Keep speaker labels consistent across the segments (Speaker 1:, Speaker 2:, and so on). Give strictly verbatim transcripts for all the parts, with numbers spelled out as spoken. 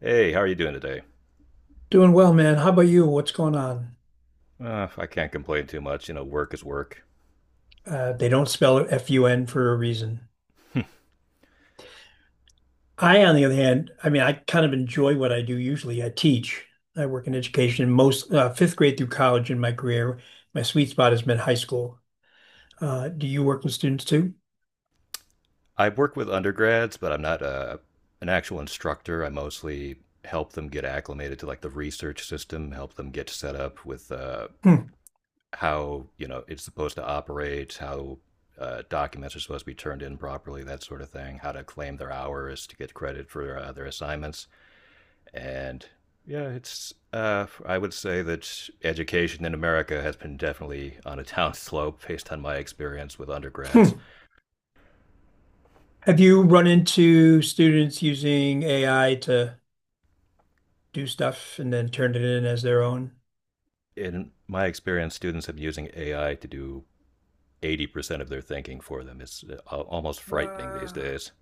Speaker 1: Hey, how are you doing today?
Speaker 2: Doing well, man. How about you? What's going on?
Speaker 1: Uh, I can't complain too much. You know, work is work.
Speaker 2: Uh, they don't spell it F U N for a reason. I, on the other hand, I mean, I kind of enjoy what I do usually. I teach. I work in education, most uh, fifth grade through college in my career. My sweet spot has been high school. Uh, do you work with students too?
Speaker 1: I work with undergrads, but I'm not uh, an actual instructor. I mostly help them get acclimated to like the research system, help them get set up with uh,
Speaker 2: Hmm.
Speaker 1: how, you know, it's supposed to operate, how uh, documents are supposed to be turned in properly, that sort of thing, how to claim their hours to get credit for uh, their assignments. And yeah, it's uh, I would say that education in America has been definitely on a down slope based on my experience with
Speaker 2: Hmm.
Speaker 1: undergrads.
Speaker 2: Have you run into students using A I to do stuff and then turn it in as their own?
Speaker 1: In my experience, students have been using A I to do eighty percent of their thinking for them. It's almost frightening these
Speaker 2: Wow.
Speaker 1: days.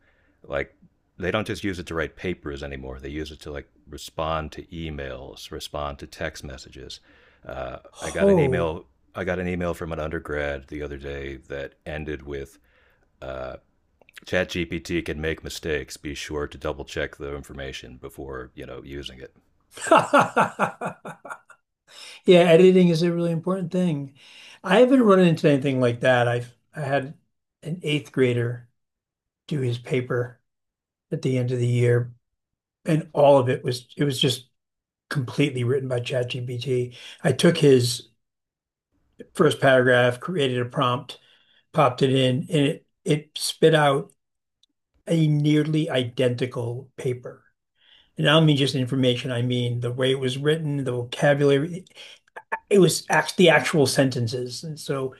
Speaker 1: Like they don't just use it to write papers anymore. They use it to like respond to emails, respond to text messages. Uh, I got an
Speaker 2: Oh.
Speaker 1: email. I got an email from an undergrad the other day that ended with. Uh, ChatGPT can make mistakes. Be sure to double check the information before you know using it.
Speaker 2: Yeah, editing is a really important thing. I haven't run into anything like that. I've I had an eighth grader do his paper at the end of the year, and all of it was it was just completely written by ChatGPT. I took his first paragraph, created a prompt, popped it in, and it it spit out a nearly identical paper. And I don't mean just information, I mean the way it was written, the vocabulary. It was act the actual sentences. And so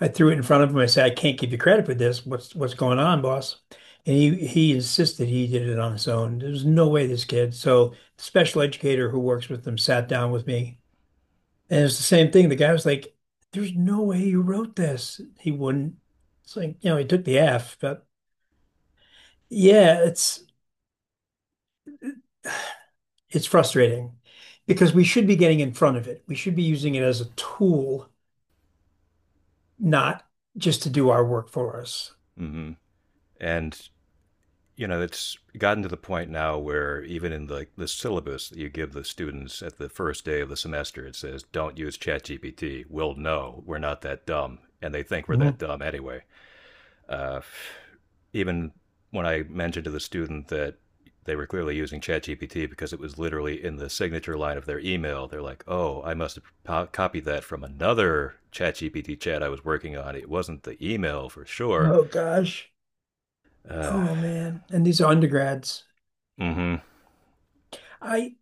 Speaker 2: I threw it in front of him. I said, I can't give you credit for this. What's what's going on, boss? And he he insisted he did it on his own. There's no way this kid. So the special educator who works with them sat down with me. And it's the same thing. The guy was like, there's no way you wrote this. He wouldn't. It's like, you know, he took the F, but yeah, it's it's frustrating because we should be getting in front of it. We should be using it as a tool, not just to do our work for us.
Speaker 1: Hmm. And you know, it's gotten to the point now where even in the the syllabus that you give the students at the first day of the semester, it says, "Don't use ChatGPT. We'll know we're not that dumb," and they think we're that
Speaker 2: Mhm.
Speaker 1: dumb anyway. uh, even when I mentioned to the student that they were clearly using ChatGPT because it was literally in the signature line of their email, they're like, "Oh, I must have po- copied that from another ChatGPT chat I was working on. It wasn't the email for sure."
Speaker 2: Oh gosh.
Speaker 1: Uh,
Speaker 2: Oh man, and these are undergrads.
Speaker 1: mm-hmm.
Speaker 2: I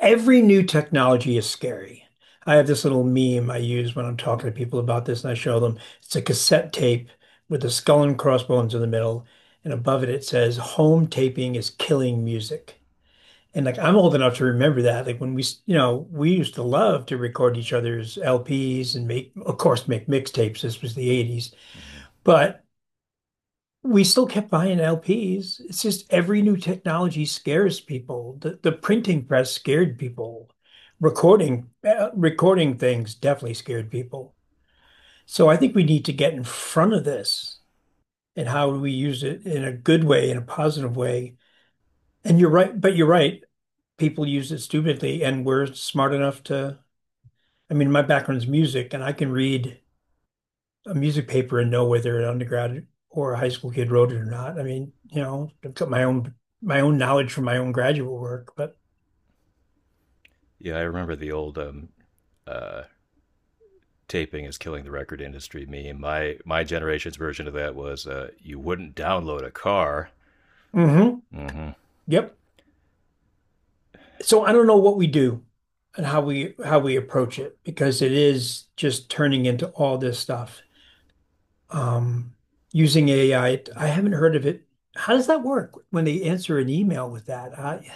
Speaker 2: every new technology is scary. I have this little meme I use when I'm talking to people about this, and I show them it's a cassette tape with the skull and crossbones in the middle, and above it it says home taping is killing music. And like I'm old enough to remember that. Like when we, s- you know, we used to love to record each other's L Ps and make, of course, make mixtapes. This was the eighties.
Speaker 1: hmm
Speaker 2: But we still kept buying L Ps. It's just every new technology scares people. The the printing press scared people. Recording uh, recording things definitely scared people. So I think we need to get in front of this and how do we use it in a good way, in a positive way. And you're right, but you're right. People use it stupidly, and we're smart enough to. I mean, my background's music, and I can read a music paper and know whether an undergrad or a high school kid wrote it or not. I mean, you know, I've got my own my own knowledge from my own graduate work, but
Speaker 1: Yeah, I remember the old um, uh, "taping is killing the record industry" meme. My my generation's version of that was, uh, "You wouldn't download a car."
Speaker 2: mm-hmm,
Speaker 1: Mm-hmm.
Speaker 2: yep. So I don't know what we do and how we how we approach it because it is just turning into all this stuff. Um, using A I, I I haven't heard of it. How does that work when they answer an email with that? I,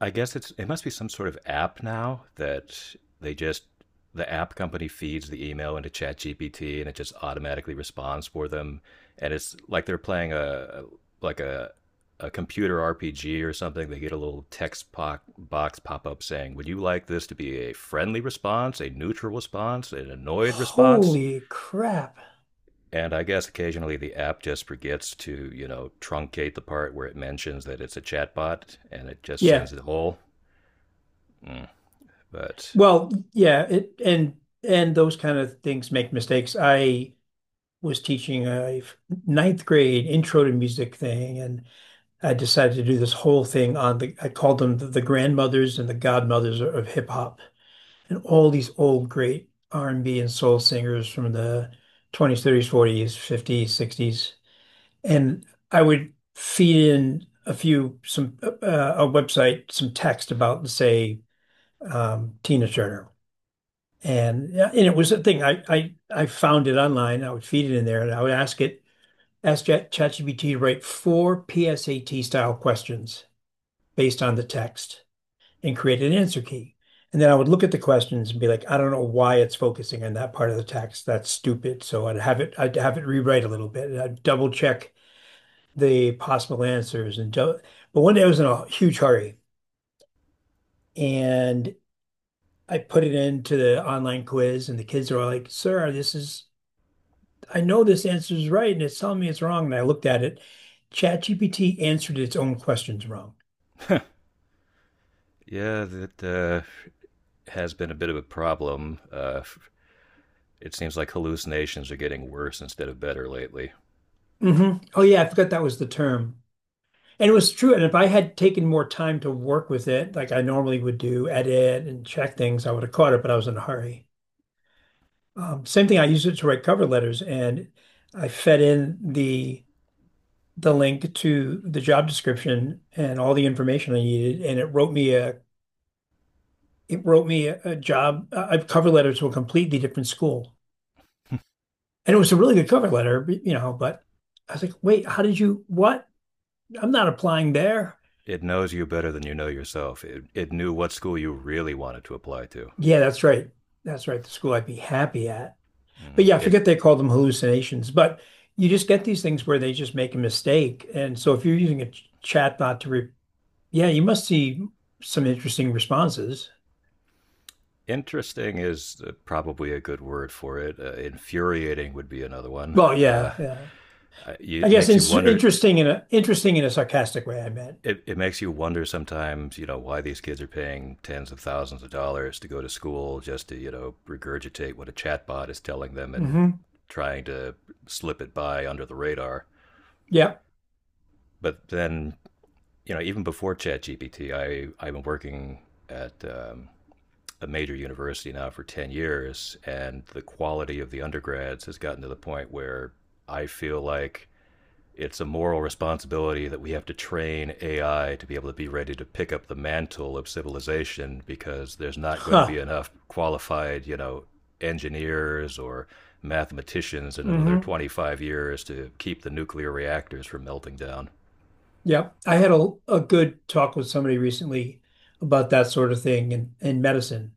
Speaker 1: I guess it's it must be some sort of app now that they just the app company feeds the email into ChatGPT and it just automatically responds for them, and it's like they're playing a like a a computer R P G or something. They get a little text po- box pop up saying, "Would you like this to be a friendly response, a neutral response, an annoyed response?"
Speaker 2: holy crap!
Speaker 1: And I guess occasionally the app just forgets to, you know, truncate the part where it mentions that it's a chatbot and it just
Speaker 2: Yeah,
Speaker 1: sends it whole. But
Speaker 2: well, yeah, it and and those kind of things make mistakes. I was teaching a ninth grade intro to music thing, and I decided to do this whole thing on the, I called them the, the grandmothers and the godmothers of, of hip hop, and all these old great R and B and B and soul singers from the twenties, thirties, forties, fifties, sixties, and I would feed in a few some uh, a website some text about say um, Tina Turner. And, yeah, and it was a thing. I, I I found it online. I would feed it in there, and I would ask it ask ChatGPT to write four P S A T-style questions based on the text and create an answer key. And then I would look at the questions and be like, I don't know why it's focusing on that part of the text. That's stupid. So I'd have it, I'd have it rewrite a little bit. And I'd double check the possible answers and do but one day I was in a huge hurry and I put it into the online quiz and the kids are all like, sir, this is I know this answer is right and it's telling me it's wrong. And I looked at it. ChatGPT answered its own questions wrong.
Speaker 1: yeah, that uh, has been a bit of a problem. Uh, it seems like hallucinations are getting worse instead of better lately.
Speaker 2: Hmm. Oh yeah, I forgot that was the term. And it was true. And if I had taken more time to work with it, like I normally would do, edit and check things, I would have caught it, but I was in a hurry. Um, same thing, I used it to write cover letters and I fed in the the link to the job description and all the information I needed, and it wrote me a it wrote me a, a job a a cover letter to a completely different school. And it was a really good cover letter, you know, but I was like, wait, how did you what? I'm not applying there.
Speaker 1: It knows you better than you know yourself. It, it knew what school you really wanted to apply to.
Speaker 2: Yeah, that's right. That's right. The school I'd be happy at. But
Speaker 1: Mm.
Speaker 2: yeah, I
Speaker 1: It
Speaker 2: forget they call them hallucinations, but you just get these things where they just make a mistake. And so if you're using a ch- chat bot to re yeah, you must see some interesting responses.
Speaker 1: Interesting is uh, probably a good word for it. Uh, infuriating would be another one.
Speaker 2: Well,
Speaker 1: Uh,
Speaker 2: yeah, yeah. I
Speaker 1: it
Speaker 2: guess
Speaker 1: makes you
Speaker 2: it's
Speaker 1: wonder
Speaker 2: interesting in a interesting in a sarcastic way, I meant.
Speaker 1: it, it makes you wonder sometimes, you know, why these kids are paying tens of thousands of dollars to go to school just to, you know, regurgitate what a chatbot is telling them and
Speaker 2: Hmm.
Speaker 1: trying to slip it by under the radar.
Speaker 2: Yeah.
Speaker 1: But then, you know, even before ChatGPT, I I've been working at um, a major university now for ten years, and the quality of the undergrads has gotten to the point where I feel like it's a moral responsibility that we have to train A I to be able to be ready to pick up the mantle of civilization because there's not going to
Speaker 2: Huh.
Speaker 1: be enough qualified, you know, engineers or mathematicians in another
Speaker 2: Hmm.
Speaker 1: twenty-five years to keep the nuclear reactors from melting down.
Speaker 2: Yeah. I had a a good talk with somebody recently about that sort of thing in, in medicine.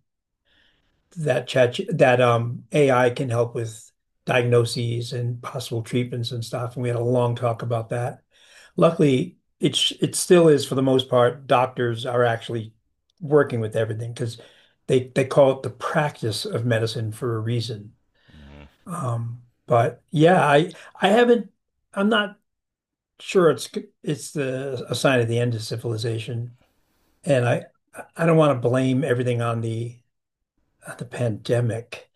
Speaker 2: That chat that um A I can help with diagnoses and possible treatments and stuff. And we had a long talk about that. Luckily, it's it still is for the most part, doctors are actually working with everything because they they call it the practice of medicine for a reason.
Speaker 1: Mm.
Speaker 2: Um, but yeah, I I haven't I'm not sure it's it's the a sign of the end of civilization. And I I don't want to blame everything on the on the pandemic.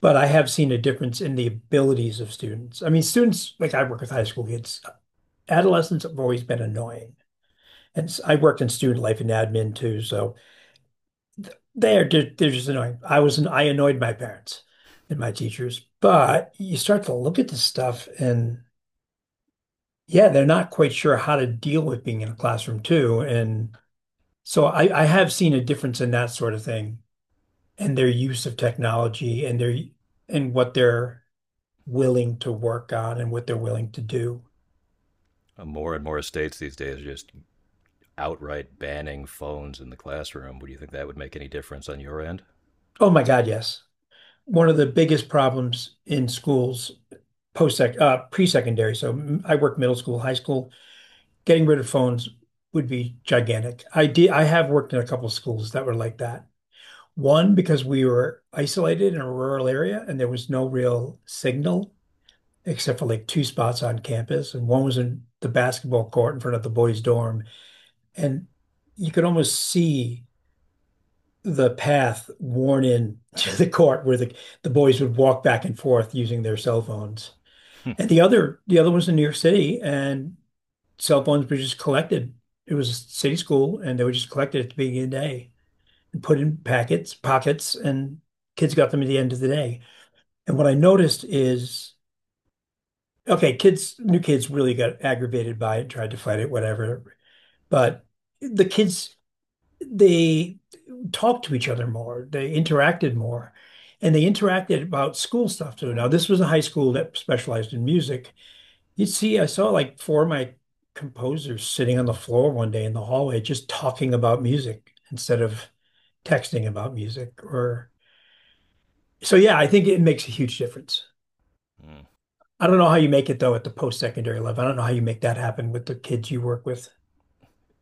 Speaker 2: But I have seen a difference in the abilities of students. I mean, students, like I work with high school kids, adolescents have always been annoying. And s- I worked in student life and admin too, so they're ju- they're just annoying. I was an, I annoyed my parents and my teachers, but you start to look at this stuff and yeah, they're not quite sure how to deal with being in a classroom too. And so I, I have seen a difference in that sort of thing and their use of technology and their and what they're willing to work on and what they're willing to do.
Speaker 1: More and more states these days are just outright banning phones in the classroom. Would you think that would make any difference on your end?
Speaker 2: Oh my God, yes. One of the biggest problems in schools post-sec uh, pre-secondary, so I work middle school, high school, getting rid of phones would be gigantic. I did, I have worked in a couple of schools that were like that. One, because we were isolated in a rural area and there was no real signal except for like two spots on campus, and one was in the basketball court in front of the boys' dorm, and you could almost see the path worn in to the court where the, the boys would walk back and forth using their cell phones. And the other the other was in New York City and cell phones were just collected. It was a city school and they were just collected at the beginning of the day and put in packets, pockets, and kids got them at the end of the day. And what I noticed is okay, kids, new kids really got aggravated by it, tried to fight it, whatever. But the kids, they talked to each other more. They interacted more. And they interacted about school stuff too. Now, this was a high school that specialized in music. You'd see, I saw like four of my composers sitting on the floor one day in the hallway just talking about music instead of texting about music or so yeah, I think it makes a huge difference.
Speaker 1: Hmm.
Speaker 2: I don't know how you make it though at the post-secondary level. I don't know how you make that happen with the kids you work with.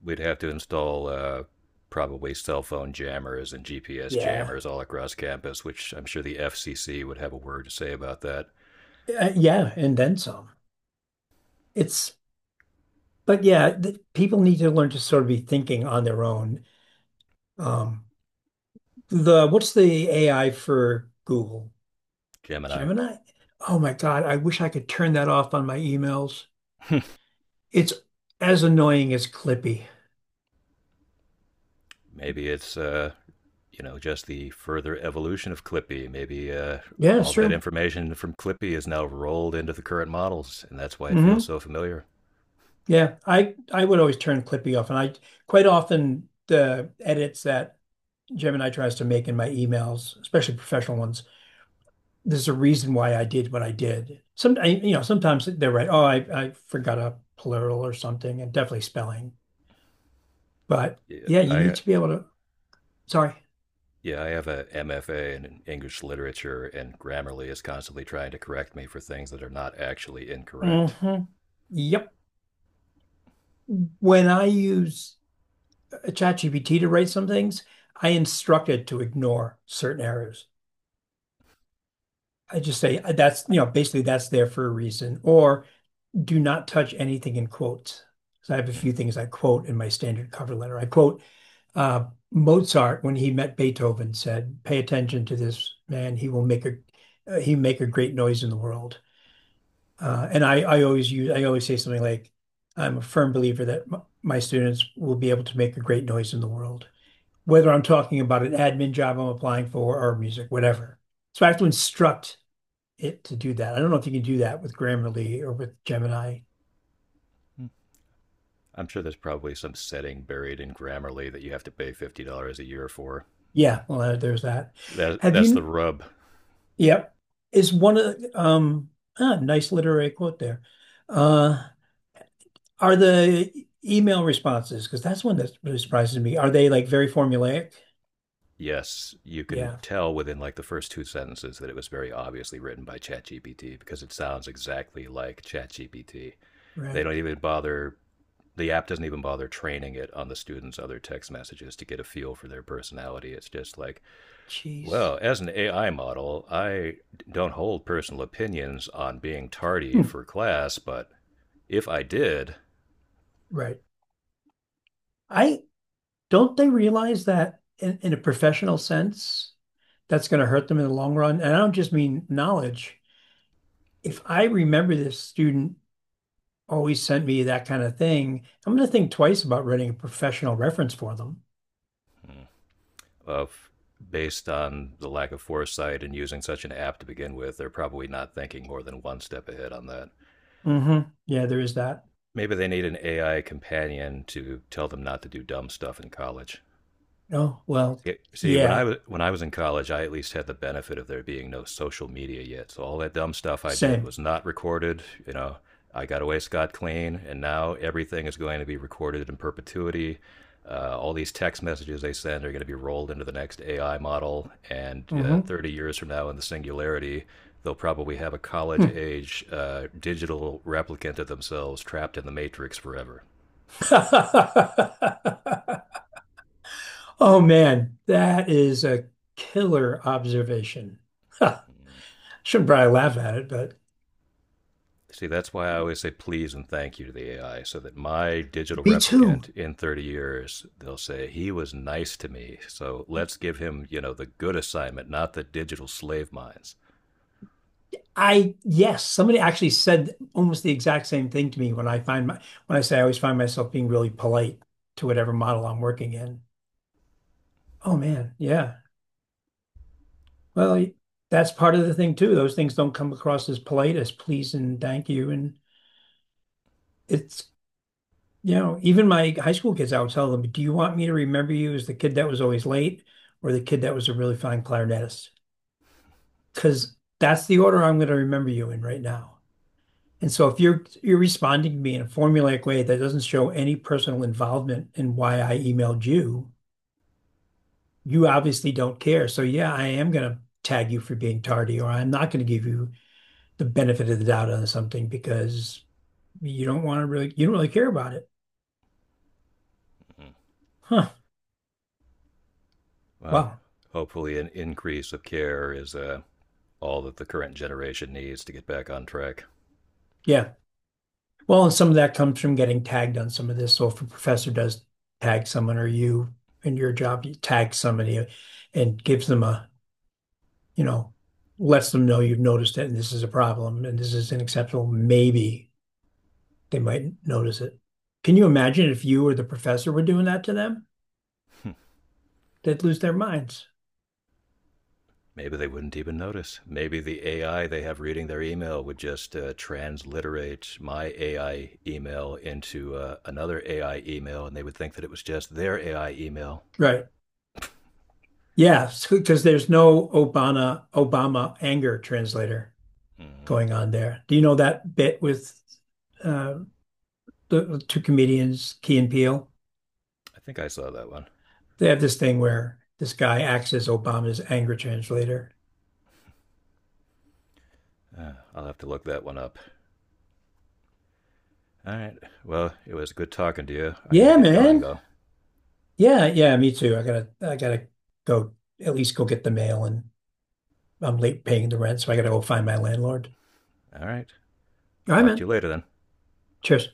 Speaker 1: We'd have to install uh, probably cell phone jammers and G P S
Speaker 2: Yeah.
Speaker 1: jammers all across campus, which I'm sure the F C C would have a word to say about that.
Speaker 2: Uh, yeah, and then some. It's but yeah, th people need to learn to sort of be thinking on their own. Um, the What's the A I for Google?
Speaker 1: Gemini.
Speaker 2: Gemini? Oh my God, I wish I could turn that off on my emails. It's as annoying as Clippy.
Speaker 1: Maybe it's uh, you know just the further evolution of Clippy. Maybe uh,
Speaker 2: Yeah,
Speaker 1: all
Speaker 2: it's
Speaker 1: that
Speaker 2: true.
Speaker 1: information from Clippy is now rolled into the current models, and that's why it feels
Speaker 2: Hmm.
Speaker 1: so familiar.
Speaker 2: Yeah, I I would always turn Clippy off, and I quite often the edits that Gemini tries to make in my emails, especially professional ones, there's a reason why I did what I did. Some, I, you know, sometimes they're right. Oh, I I forgot a plural or something, and definitely spelling. But
Speaker 1: Yeah,
Speaker 2: yeah, you
Speaker 1: I
Speaker 2: need to be able to. Sorry.
Speaker 1: yeah I have a M F A in English literature, and Grammarly is constantly trying to correct me for things that are not actually incorrect.
Speaker 2: Hmm. Yep. When I use ChatGPT to write some things, I instruct it to ignore certain errors. I just say, "Uh, that's, you know, basically that's there for a reason," or do not touch anything in quotes. So I have a few things I quote in my standard cover letter. I quote uh, Mozart, when he met Beethoven, said, "Pay attention to this man. He will make a uh, he make a great noise in the world." Uh, and I, I always use, I always say something like, I'm a firm believer that m my students will be able to make a great noise in the world, whether I'm talking about an admin job I'm applying for, or music, whatever. So I have to instruct it to do that. I don't know if you can do that with Grammarly or with Gemini.
Speaker 1: Hmm. I'm sure there's probably some setting buried in Grammarly that you have to pay fifty dollars a year for. Hmm.
Speaker 2: Yeah, well, uh, there's that.
Speaker 1: That,
Speaker 2: Have
Speaker 1: that's the
Speaker 2: you,
Speaker 1: rub.
Speaker 2: yep, is one of the, um, ah, nice literary quote there. Uh, are the e, email responses, because that's one that really surprises me, are they like very formulaic?
Speaker 1: Yes, you can
Speaker 2: Yeah.
Speaker 1: tell within like the first two sentences that it was very obviously written by ChatGPT because it sounds exactly like ChatGPT. They
Speaker 2: Right.
Speaker 1: don't even bother, the app doesn't even bother training it on the students' other text messages to get a feel for their personality. It's just like, well,
Speaker 2: Jeez.
Speaker 1: as an A I model, I don't hold personal opinions on being tardy
Speaker 2: Hmm.
Speaker 1: for class, but if I did,
Speaker 2: Right. I don't they realize that in, in a professional sense, that's going to hurt them in the long run. And I don't just mean knowledge. If I remember this student always sent me that kind of thing, I'm going to think twice about writing a professional reference for them.
Speaker 1: of based on the lack of foresight and using such an app to begin with, they're probably not thinking more than one step ahead on that.
Speaker 2: Hmm. Yeah, there is that.
Speaker 1: Maybe they need an A I companion to tell them not to do dumb stuff in college.
Speaker 2: Oh, well,
Speaker 1: See, see, when I
Speaker 2: yeah,
Speaker 1: was when I was in college, I at least had the benefit of there being no social media yet. So all that dumb stuff I did
Speaker 2: same.
Speaker 1: was not recorded. You know, I got away scot clean, and now everything is going to be recorded in perpetuity. Uh, all these text messages they send are going to be rolled into the next A I model, and uh,
Speaker 2: Mm-hmm.
Speaker 1: thirty years from now, in the singularity, they'll probably have a college
Speaker 2: Hmm.
Speaker 1: age uh, digital replicant of themselves trapped in the matrix forever.
Speaker 2: Oh man, that is a killer observation. Shouldn't probably laugh at it, but
Speaker 1: See, that's why I always say please and thank you to the A I, so that my digital
Speaker 2: me too.
Speaker 1: replicant in thirty years, they'll say, he was nice to me. So let's give him, you know, the good assignment, not the digital slave mines.
Speaker 2: I, yes, somebody actually said almost the exact same thing to me when I find my, when I say I always find myself being really polite to whatever model I'm working in. Oh man, yeah. Well, that's part of the thing too. Those things don't come across as polite as please and thank you. And it's, you know, even my high school kids, I would tell them, do you want me to remember you as the kid that was always late, or the kid that was a really fine clarinetist? Because that's the order I'm going to remember you in right now. And so if you're you're responding to me in a formulaic way that doesn't show any personal involvement in why I emailed you, you obviously don't care. So yeah, I am going to tag you for being tardy, or I'm not going to give you the benefit of the doubt on something because you don't want to really you don't really care about it.
Speaker 1: Mm-hmm.
Speaker 2: Huh.
Speaker 1: Well,
Speaker 2: Wow.
Speaker 1: hopefully, an increase of care is uh, all that the current generation needs to get back on track.
Speaker 2: Yeah. Well, and some of that comes from getting tagged on some of this. So if a professor does tag someone, or you in your job, you tag somebody and gives them a, you know, lets them know you've noticed it and this is a problem and this is unacceptable, maybe they might notice it. Can you imagine if you or the professor were doing that to them? They'd lose their minds.
Speaker 1: Maybe they wouldn't even notice. Maybe the A I they have reading their email would just uh, transliterate my A I email into uh, another A I email, and they would think that it was just their A I email.
Speaker 2: Right. Yeah, because there's no Obama Obama anger translator
Speaker 1: Hmm.
Speaker 2: going on there. Do you know that bit with uh, the two comedians, Key and Peele?
Speaker 1: I think I saw that one.
Speaker 2: They have this thing where this guy acts as Obama's anger translator.
Speaker 1: Uh, I'll have to look that one up. All right. Well, it was good talking to you. I got to
Speaker 2: Yeah,
Speaker 1: get going,
Speaker 2: man.
Speaker 1: though.
Speaker 2: Yeah, yeah, me too. I gotta, I gotta go, at least go get the mail, and I'm late paying the rent, so I gotta go find my landlord.
Speaker 1: All right.
Speaker 2: All right,
Speaker 1: Talk to you
Speaker 2: man.
Speaker 1: later then.
Speaker 2: Cheers.